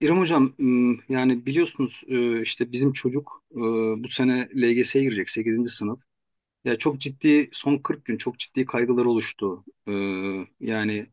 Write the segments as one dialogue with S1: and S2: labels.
S1: İrem Hocam yani biliyorsunuz, işte bizim çocuk bu sene LGS'ye girecek sekizinci sınıf. Ya çok ciddi son 40 gün çok ciddi kaygılar oluştu. Yani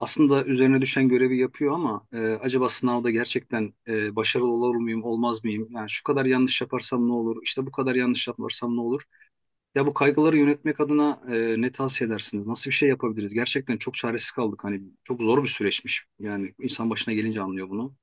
S1: aslında üzerine düşen görevi yapıyor ama acaba sınavda gerçekten başarılı olur muyum olmaz mıyım? Yani şu kadar yanlış yaparsam ne olur? İşte bu kadar yanlış yaparsam ne olur? Ya bu kaygıları yönetmek adına ne tavsiye edersiniz? Nasıl bir şey yapabiliriz? Gerçekten çok çaresiz kaldık. Hani çok zor bir süreçmiş. Yani insan başına gelince anlıyor bunu.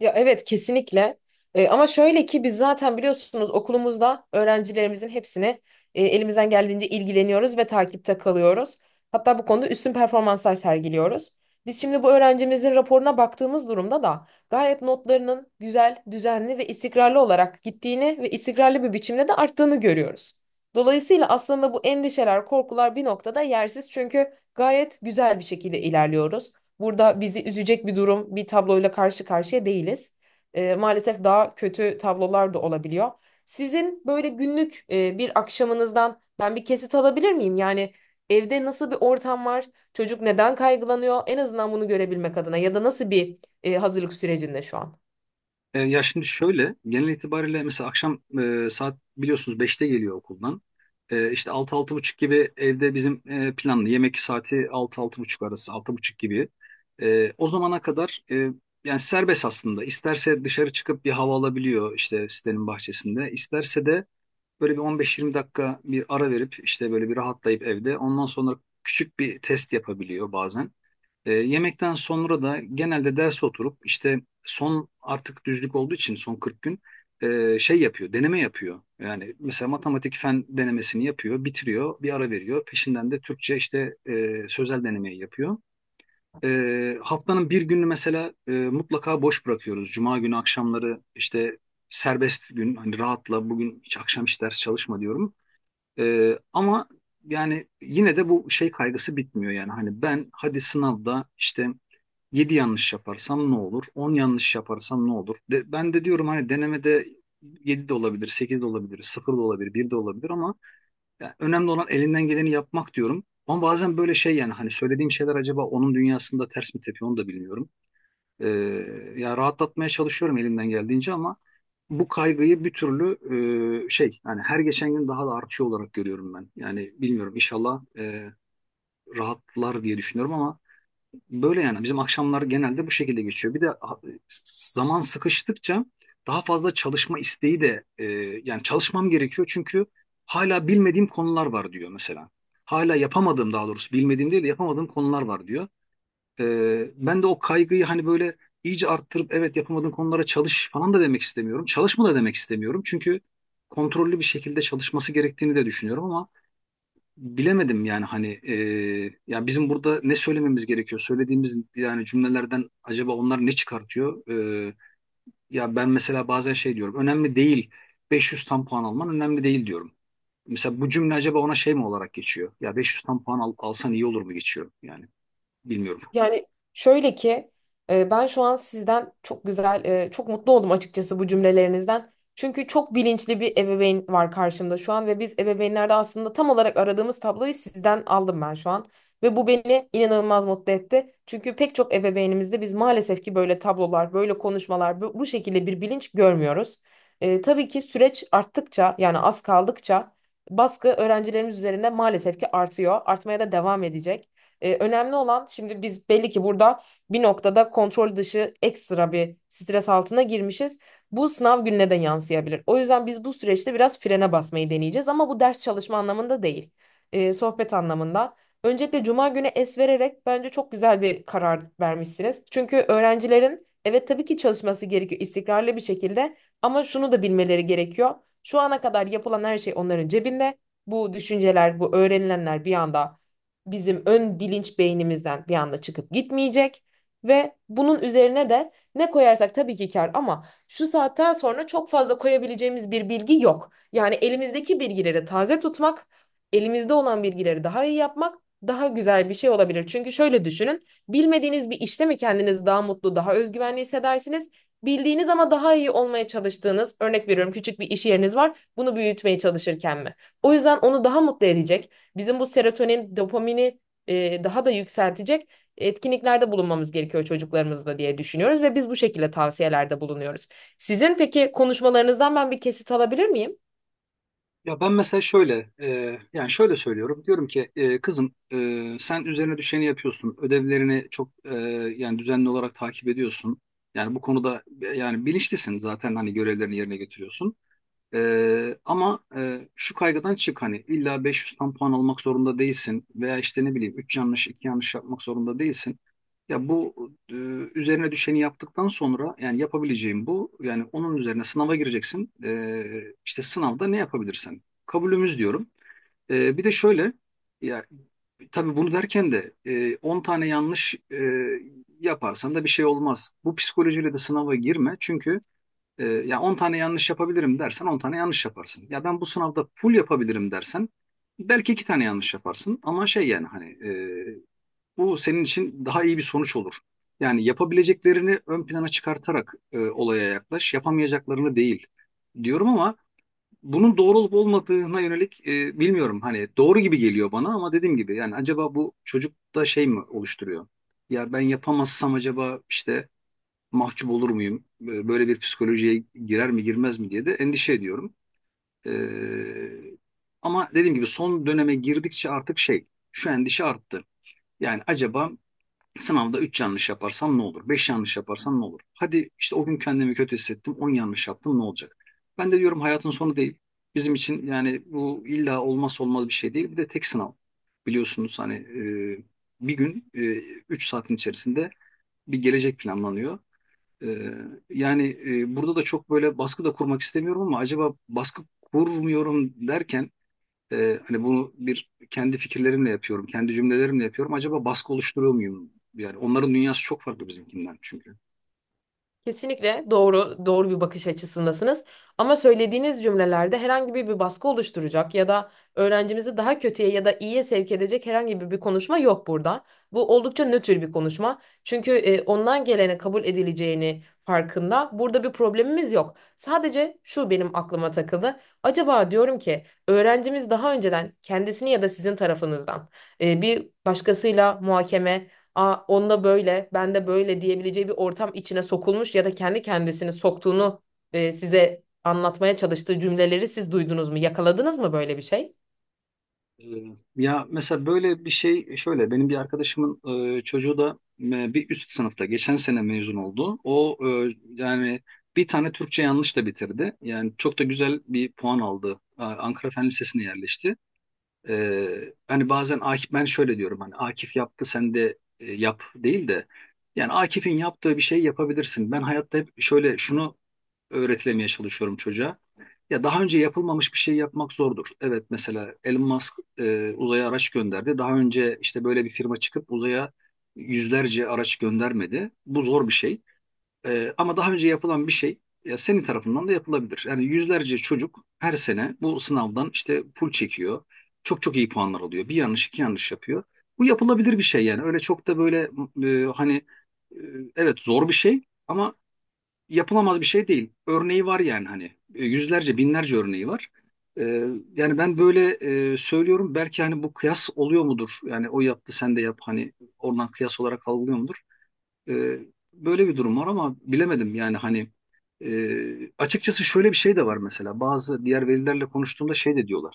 S2: Ya evet kesinlikle. Ama şöyle ki biz zaten biliyorsunuz okulumuzda öğrencilerimizin hepsini elimizden geldiğince ilgileniyoruz ve takipte kalıyoruz. Hatta bu konuda üstün performanslar sergiliyoruz. Biz şimdi bu öğrencimizin raporuna baktığımız durumda da gayet notlarının güzel, düzenli ve istikrarlı olarak gittiğini ve istikrarlı bir biçimde de arttığını görüyoruz. Dolayısıyla aslında bu endişeler, korkular bir noktada yersiz çünkü gayet güzel bir şekilde ilerliyoruz. Burada bizi üzecek bir durum, bir tabloyla karşı karşıya değiliz. Maalesef daha kötü tablolar da olabiliyor. Sizin böyle günlük bir akşamınızdan ben bir kesit alabilir miyim? Yani evde nasıl bir ortam var? Çocuk neden kaygılanıyor? En azından bunu görebilmek adına ya da nasıl bir hazırlık sürecinde şu an?
S1: Ya şimdi şöyle genel itibariyle mesela akşam saat biliyorsunuz beşte geliyor okuldan. İşte altı altı buçuk gibi evde bizim planlı yemek saati altı altı buçuk arası altı buçuk gibi. O zamana kadar yani serbest aslında. İsterse dışarı çıkıp bir hava alabiliyor işte sitenin bahçesinde. İsterse de böyle bir 15-20 dakika bir ara verip işte böyle bir rahatlayıp evde ondan sonra küçük bir test yapabiliyor bazen. Yemekten sonra da genelde ders oturup işte son artık düzlük olduğu için son 40 gün şey yapıyor, deneme yapıyor. Yani mesela matematik fen denemesini yapıyor, bitiriyor, bir ara veriyor. Peşinden de Türkçe işte sözel denemeyi yapıyor. Haftanın bir günü mesela mutlaka boş bırakıyoruz. Cuma günü akşamları işte serbest gün hani rahatla bugün hiç akşam hiç ders çalışma diyorum. Ama yani yine de bu şey kaygısı bitmiyor yani hani ben hadi sınavda işte 7 yanlış yaparsam ne olur? On yanlış yaparsam ne olur? De, ben de diyorum hani denemede 7 de olabilir, 8 de olabilir, sıfır da olabilir, bir de olabilir ama yani önemli olan elinden geleni yapmak diyorum. Ama bazen böyle şey yani hani söylediğim şeyler acaba onun dünyasında ters mi tepiyor onu da bilmiyorum. Ee, Yani rahatlatmaya çalışıyorum elimden geldiğince ama bu kaygıyı bir türlü şey yani her geçen gün daha da artıyor olarak görüyorum ben. Yani bilmiyorum inşallah rahatlar diye düşünüyorum ama böyle yani bizim akşamlar genelde bu şekilde geçiyor. Bir de zaman sıkıştıkça daha fazla çalışma isteği de, yani çalışmam gerekiyor çünkü hala bilmediğim konular var diyor mesela. Hala yapamadığım daha doğrusu bilmediğim değil de yapamadığım konular var diyor. Ben de o kaygıyı hani böyle iyice arttırıp evet yapamadığın konulara çalış falan da demek istemiyorum. Çalışma da demek istemiyorum. Çünkü kontrollü bir şekilde çalışması gerektiğini de düşünüyorum ama bilemedim yani hani ya bizim burada ne söylememiz gerekiyor? Söylediğimiz yani cümlelerden acaba onlar ne çıkartıyor? Ee, Ya ben mesela bazen şey diyorum. Önemli değil, 500 tam puan alman önemli değil diyorum. Mesela bu cümle acaba ona şey mi olarak geçiyor? Ya 500 tam puan alsan iyi olur mu geçiyor? Yani bilmiyorum.
S2: Yani şöyle ki ben şu an sizden çok güzel, çok mutlu oldum açıkçası bu cümlelerinizden. Çünkü çok bilinçli bir ebeveyn var karşımda şu an ve biz ebeveynlerde aslında tam olarak aradığımız tabloyu sizden aldım ben şu an. Ve bu beni inanılmaz mutlu etti. Çünkü pek çok ebeveynimizde biz maalesef ki böyle tablolar, böyle konuşmalar, bu şekilde bir bilinç görmüyoruz. Tabii ki süreç arttıkça yani az kaldıkça baskı öğrencilerimiz üzerinde maalesef ki artıyor. Artmaya da devam edecek. Önemli olan şimdi biz belli ki burada bir noktada kontrol dışı ekstra bir stres altına girmişiz. Bu sınav gününe de yansıyabilir. O yüzden biz bu süreçte biraz frene basmayı deneyeceğiz ama bu ders çalışma anlamında değil. Sohbet anlamında. Öncelikle cuma günü es vererek bence çok güzel bir karar vermişsiniz. Çünkü öğrencilerin evet tabii ki çalışması gerekiyor istikrarlı bir şekilde ama şunu da bilmeleri gerekiyor. Şu ana kadar yapılan her şey onların cebinde. Bu düşünceler, bu öğrenilenler bir anda bizim ön bilinç beynimizden bir anda çıkıp gitmeyecek ve bunun üzerine de ne koyarsak tabii ki kar ama şu saatten sonra çok fazla koyabileceğimiz bir bilgi yok. Yani elimizdeki bilgileri taze tutmak, elimizde olan bilgileri daha iyi yapmak daha güzel bir şey olabilir. Çünkü şöyle düşünün, bilmediğiniz bir işte mi kendinizi daha mutlu, daha özgüvenli hissedersiniz? Bildiğiniz ama daha iyi olmaya çalıştığınız, örnek veriyorum küçük bir iş yeriniz var, bunu büyütmeye çalışırken mi? O yüzden onu daha mutlu edecek bizim bu serotonin, dopamini daha da yükseltecek etkinliklerde bulunmamız gerekiyor çocuklarımızla diye düşünüyoruz ve biz bu şekilde tavsiyelerde bulunuyoruz. Sizin peki konuşmalarınızdan ben bir kesit alabilir miyim?
S1: Ya ben mesela şöyle, yani şöyle söylüyorum. Diyorum ki kızım, sen üzerine düşeni yapıyorsun. Ödevlerini çok yani düzenli olarak takip ediyorsun. Yani bu konuda yani bilinçlisin zaten hani görevlerini yerine getiriyorsun. Ama şu kaygıdan çık hani illa 500'den puan almak zorunda değilsin veya işte ne bileyim 3 yanlış 2 yanlış yapmak zorunda değilsin. Ya bu e, üzerine düşeni yaptıktan sonra yani yapabileceğim bu yani onun üzerine sınava gireceksin. İşte sınavda ne yapabilirsen kabulümüz diyorum. Bir de şöyle ya tabii bunu derken de 10 tane yanlış yaparsan da bir şey olmaz. Bu psikolojiyle de sınava girme çünkü ya 10 tane yanlış yapabilirim dersen 10 tane yanlış yaparsın. Ya ben bu sınavda full yapabilirim dersen belki 2 tane yanlış yaparsın. Ama şey yani hani bu senin için daha iyi bir sonuç olur. Yani yapabileceklerini ön plana çıkartarak olaya yaklaş, yapamayacaklarını değil diyorum ama bunun doğru olup olmadığına yönelik bilmiyorum. Hani doğru gibi geliyor bana ama dediğim gibi yani acaba bu çocukta şey mi oluşturuyor? Ya ben yapamazsam acaba işte mahcup olur muyum? Böyle bir psikolojiye girer mi girmez mi diye de endişe ediyorum. Ee, Ama dediğim gibi son döneme girdikçe artık şey şu endişe arttı. Yani acaba sınavda 3 yanlış yaparsam ne olur? 5 yanlış yaparsam ne olur? Hadi işte o gün kendimi kötü hissettim 10 yanlış yaptım ne olacak? Ben de diyorum hayatın sonu değil. Bizim için yani bu illa olmazsa olmaz bir şey değil. Bir de tek sınav biliyorsunuz hani, e, bir gün, 3 saatin içerisinde bir gelecek planlanıyor. Ee, Yani burada da çok böyle baskı da kurmak istemiyorum ama acaba baskı kurmuyorum derken hani bunu bir kendi fikirlerimle yapıyorum, kendi cümlelerimle yapıyorum. Acaba baskı oluşturuyor muyum? Yani onların dünyası çok farklı bizimkinden çünkü.
S2: Kesinlikle doğru bir bakış açısındasınız. Ama söylediğiniz cümlelerde herhangi bir baskı oluşturacak ya da öğrencimizi daha kötüye ya da iyiye sevk edecek herhangi bir konuşma yok burada. Bu oldukça nötr bir konuşma. Çünkü ondan gelene kabul edileceğini farkında. Burada bir problemimiz yok. Sadece şu benim aklıma takıldı. Acaba diyorum ki öğrencimiz daha önceden kendisini ya da sizin tarafınızdan bir başkasıyla muhakeme. Aa, onda böyle, ben de böyle diyebileceği bir ortam içine sokulmuş ya da kendi kendisini soktuğunu size anlatmaya çalıştığı cümleleri siz duydunuz mu? Yakaladınız mı böyle bir şey?
S1: Ee, Ya mesela böyle bir şey şöyle benim bir arkadaşımın çocuğu da bir üst sınıfta geçen sene mezun oldu. O, yani bir tane Türkçe yanlış da bitirdi. Yani çok da güzel bir puan aldı. Ankara Fen Lisesi'ne yerleşti. Hani bazen Akif ben şöyle diyorum hani Akif yaptı sen de yap değil de yani Akif'in yaptığı bir şey yapabilirsin. Ben hayatta hep şöyle şunu öğretilemeye çalışıyorum çocuğa. Ya daha önce yapılmamış bir şey yapmak zordur. Evet mesela Elon Musk uzaya araç gönderdi. Daha önce işte böyle bir firma çıkıp uzaya yüzlerce araç göndermedi. Bu zor bir şey. Ama daha önce yapılan bir şey senin tarafından da yapılabilir. Yani yüzlerce çocuk her sene bu sınavdan işte pul çekiyor. Çok çok iyi puanlar alıyor. Bir yanlış iki yanlış yapıyor. Bu yapılabilir bir şey yani. Öyle çok da böyle e, hani e, evet zor bir şey ama yapılamaz bir şey değil. Örneği var yani hani yüzlerce binlerce örneği var. E, Yani ben böyle söylüyorum. Belki hani bu kıyas oluyor mudur? Yani o yaptı sen de yap hani oradan kıyas olarak algılıyor mudur? Ee, Böyle bir durum var ama bilemedim yani hani açıkçası şöyle bir şey de var mesela bazı diğer velilerle konuştuğumda şey de diyorlar.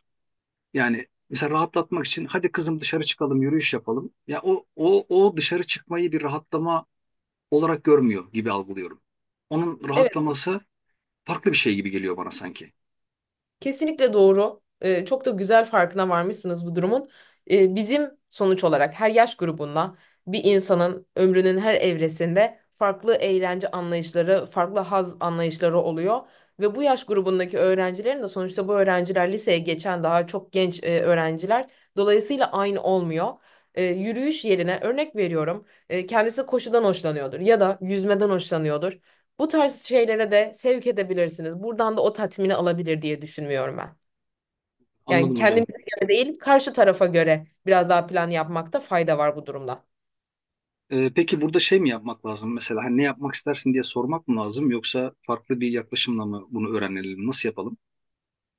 S1: Yani mesela rahatlatmak için hadi kızım dışarı çıkalım yürüyüş yapalım. Ya o dışarı çıkmayı bir rahatlama olarak görmüyor gibi algılıyorum. Onun
S2: Evet.
S1: rahatlaması farklı bir şey gibi geliyor bana sanki.
S2: Kesinlikle doğru. Çok da güzel farkına varmışsınız bu durumun. Bizim sonuç olarak her yaş grubunda bir insanın ömrünün her evresinde farklı eğlence anlayışları, farklı haz anlayışları oluyor. Ve bu yaş grubundaki öğrencilerin de sonuçta bu öğrenciler liseye geçen daha çok genç öğrenciler. Dolayısıyla aynı olmuyor. Yürüyüş yerine örnek veriyorum. Kendisi koşudan hoşlanıyordur ya da yüzmeden hoşlanıyordur. Bu tarz şeylere de sevk edebilirsiniz. Buradan da o tatmini alabilir diye düşünmüyorum ben. Yani
S1: Anladım hocam.
S2: kendimize göre değil, karşı tarafa göre biraz daha plan yapmakta fayda var bu durumda.
S1: Peki burada şey mi yapmak lazım mesela hani ne yapmak istersin diye sormak mı lazım yoksa farklı bir yaklaşımla mı bunu öğrenelim nasıl yapalım?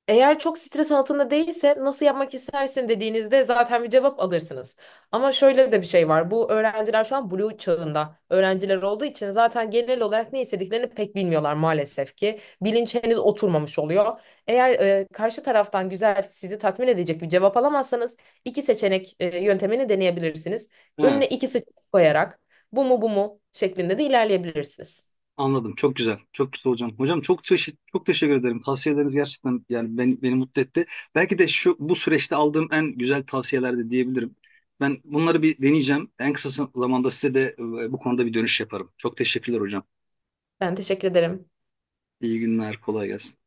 S2: Eğer çok stres altında değilse nasıl yapmak istersin dediğinizde zaten bir cevap alırsınız. Ama şöyle de bir şey var. Bu öğrenciler şu an blue çağında öğrenciler olduğu için zaten genel olarak ne istediklerini pek bilmiyorlar maalesef ki. Bilinç henüz oturmamış oluyor. Eğer karşı taraftan güzel sizi tatmin edecek bir cevap alamazsanız iki seçenek yöntemini deneyebilirsiniz.
S1: Ha.
S2: Önüne iki seçenek koyarak bu mu bu mu şeklinde de ilerleyebilirsiniz.
S1: Anladım. Çok güzel. Çok güzel hocam. Hocam çok teşekkür ederim. Tavsiyeleriniz gerçekten yani beni mutlu etti. Belki de şu bu süreçte aldığım en güzel tavsiyeler de diyebilirim. Ben bunları bir deneyeceğim. En kısa zamanda size de bu konuda bir dönüş yaparım. Çok teşekkürler hocam.
S2: Ben teşekkür ederim.
S1: İyi günler. Kolay gelsin.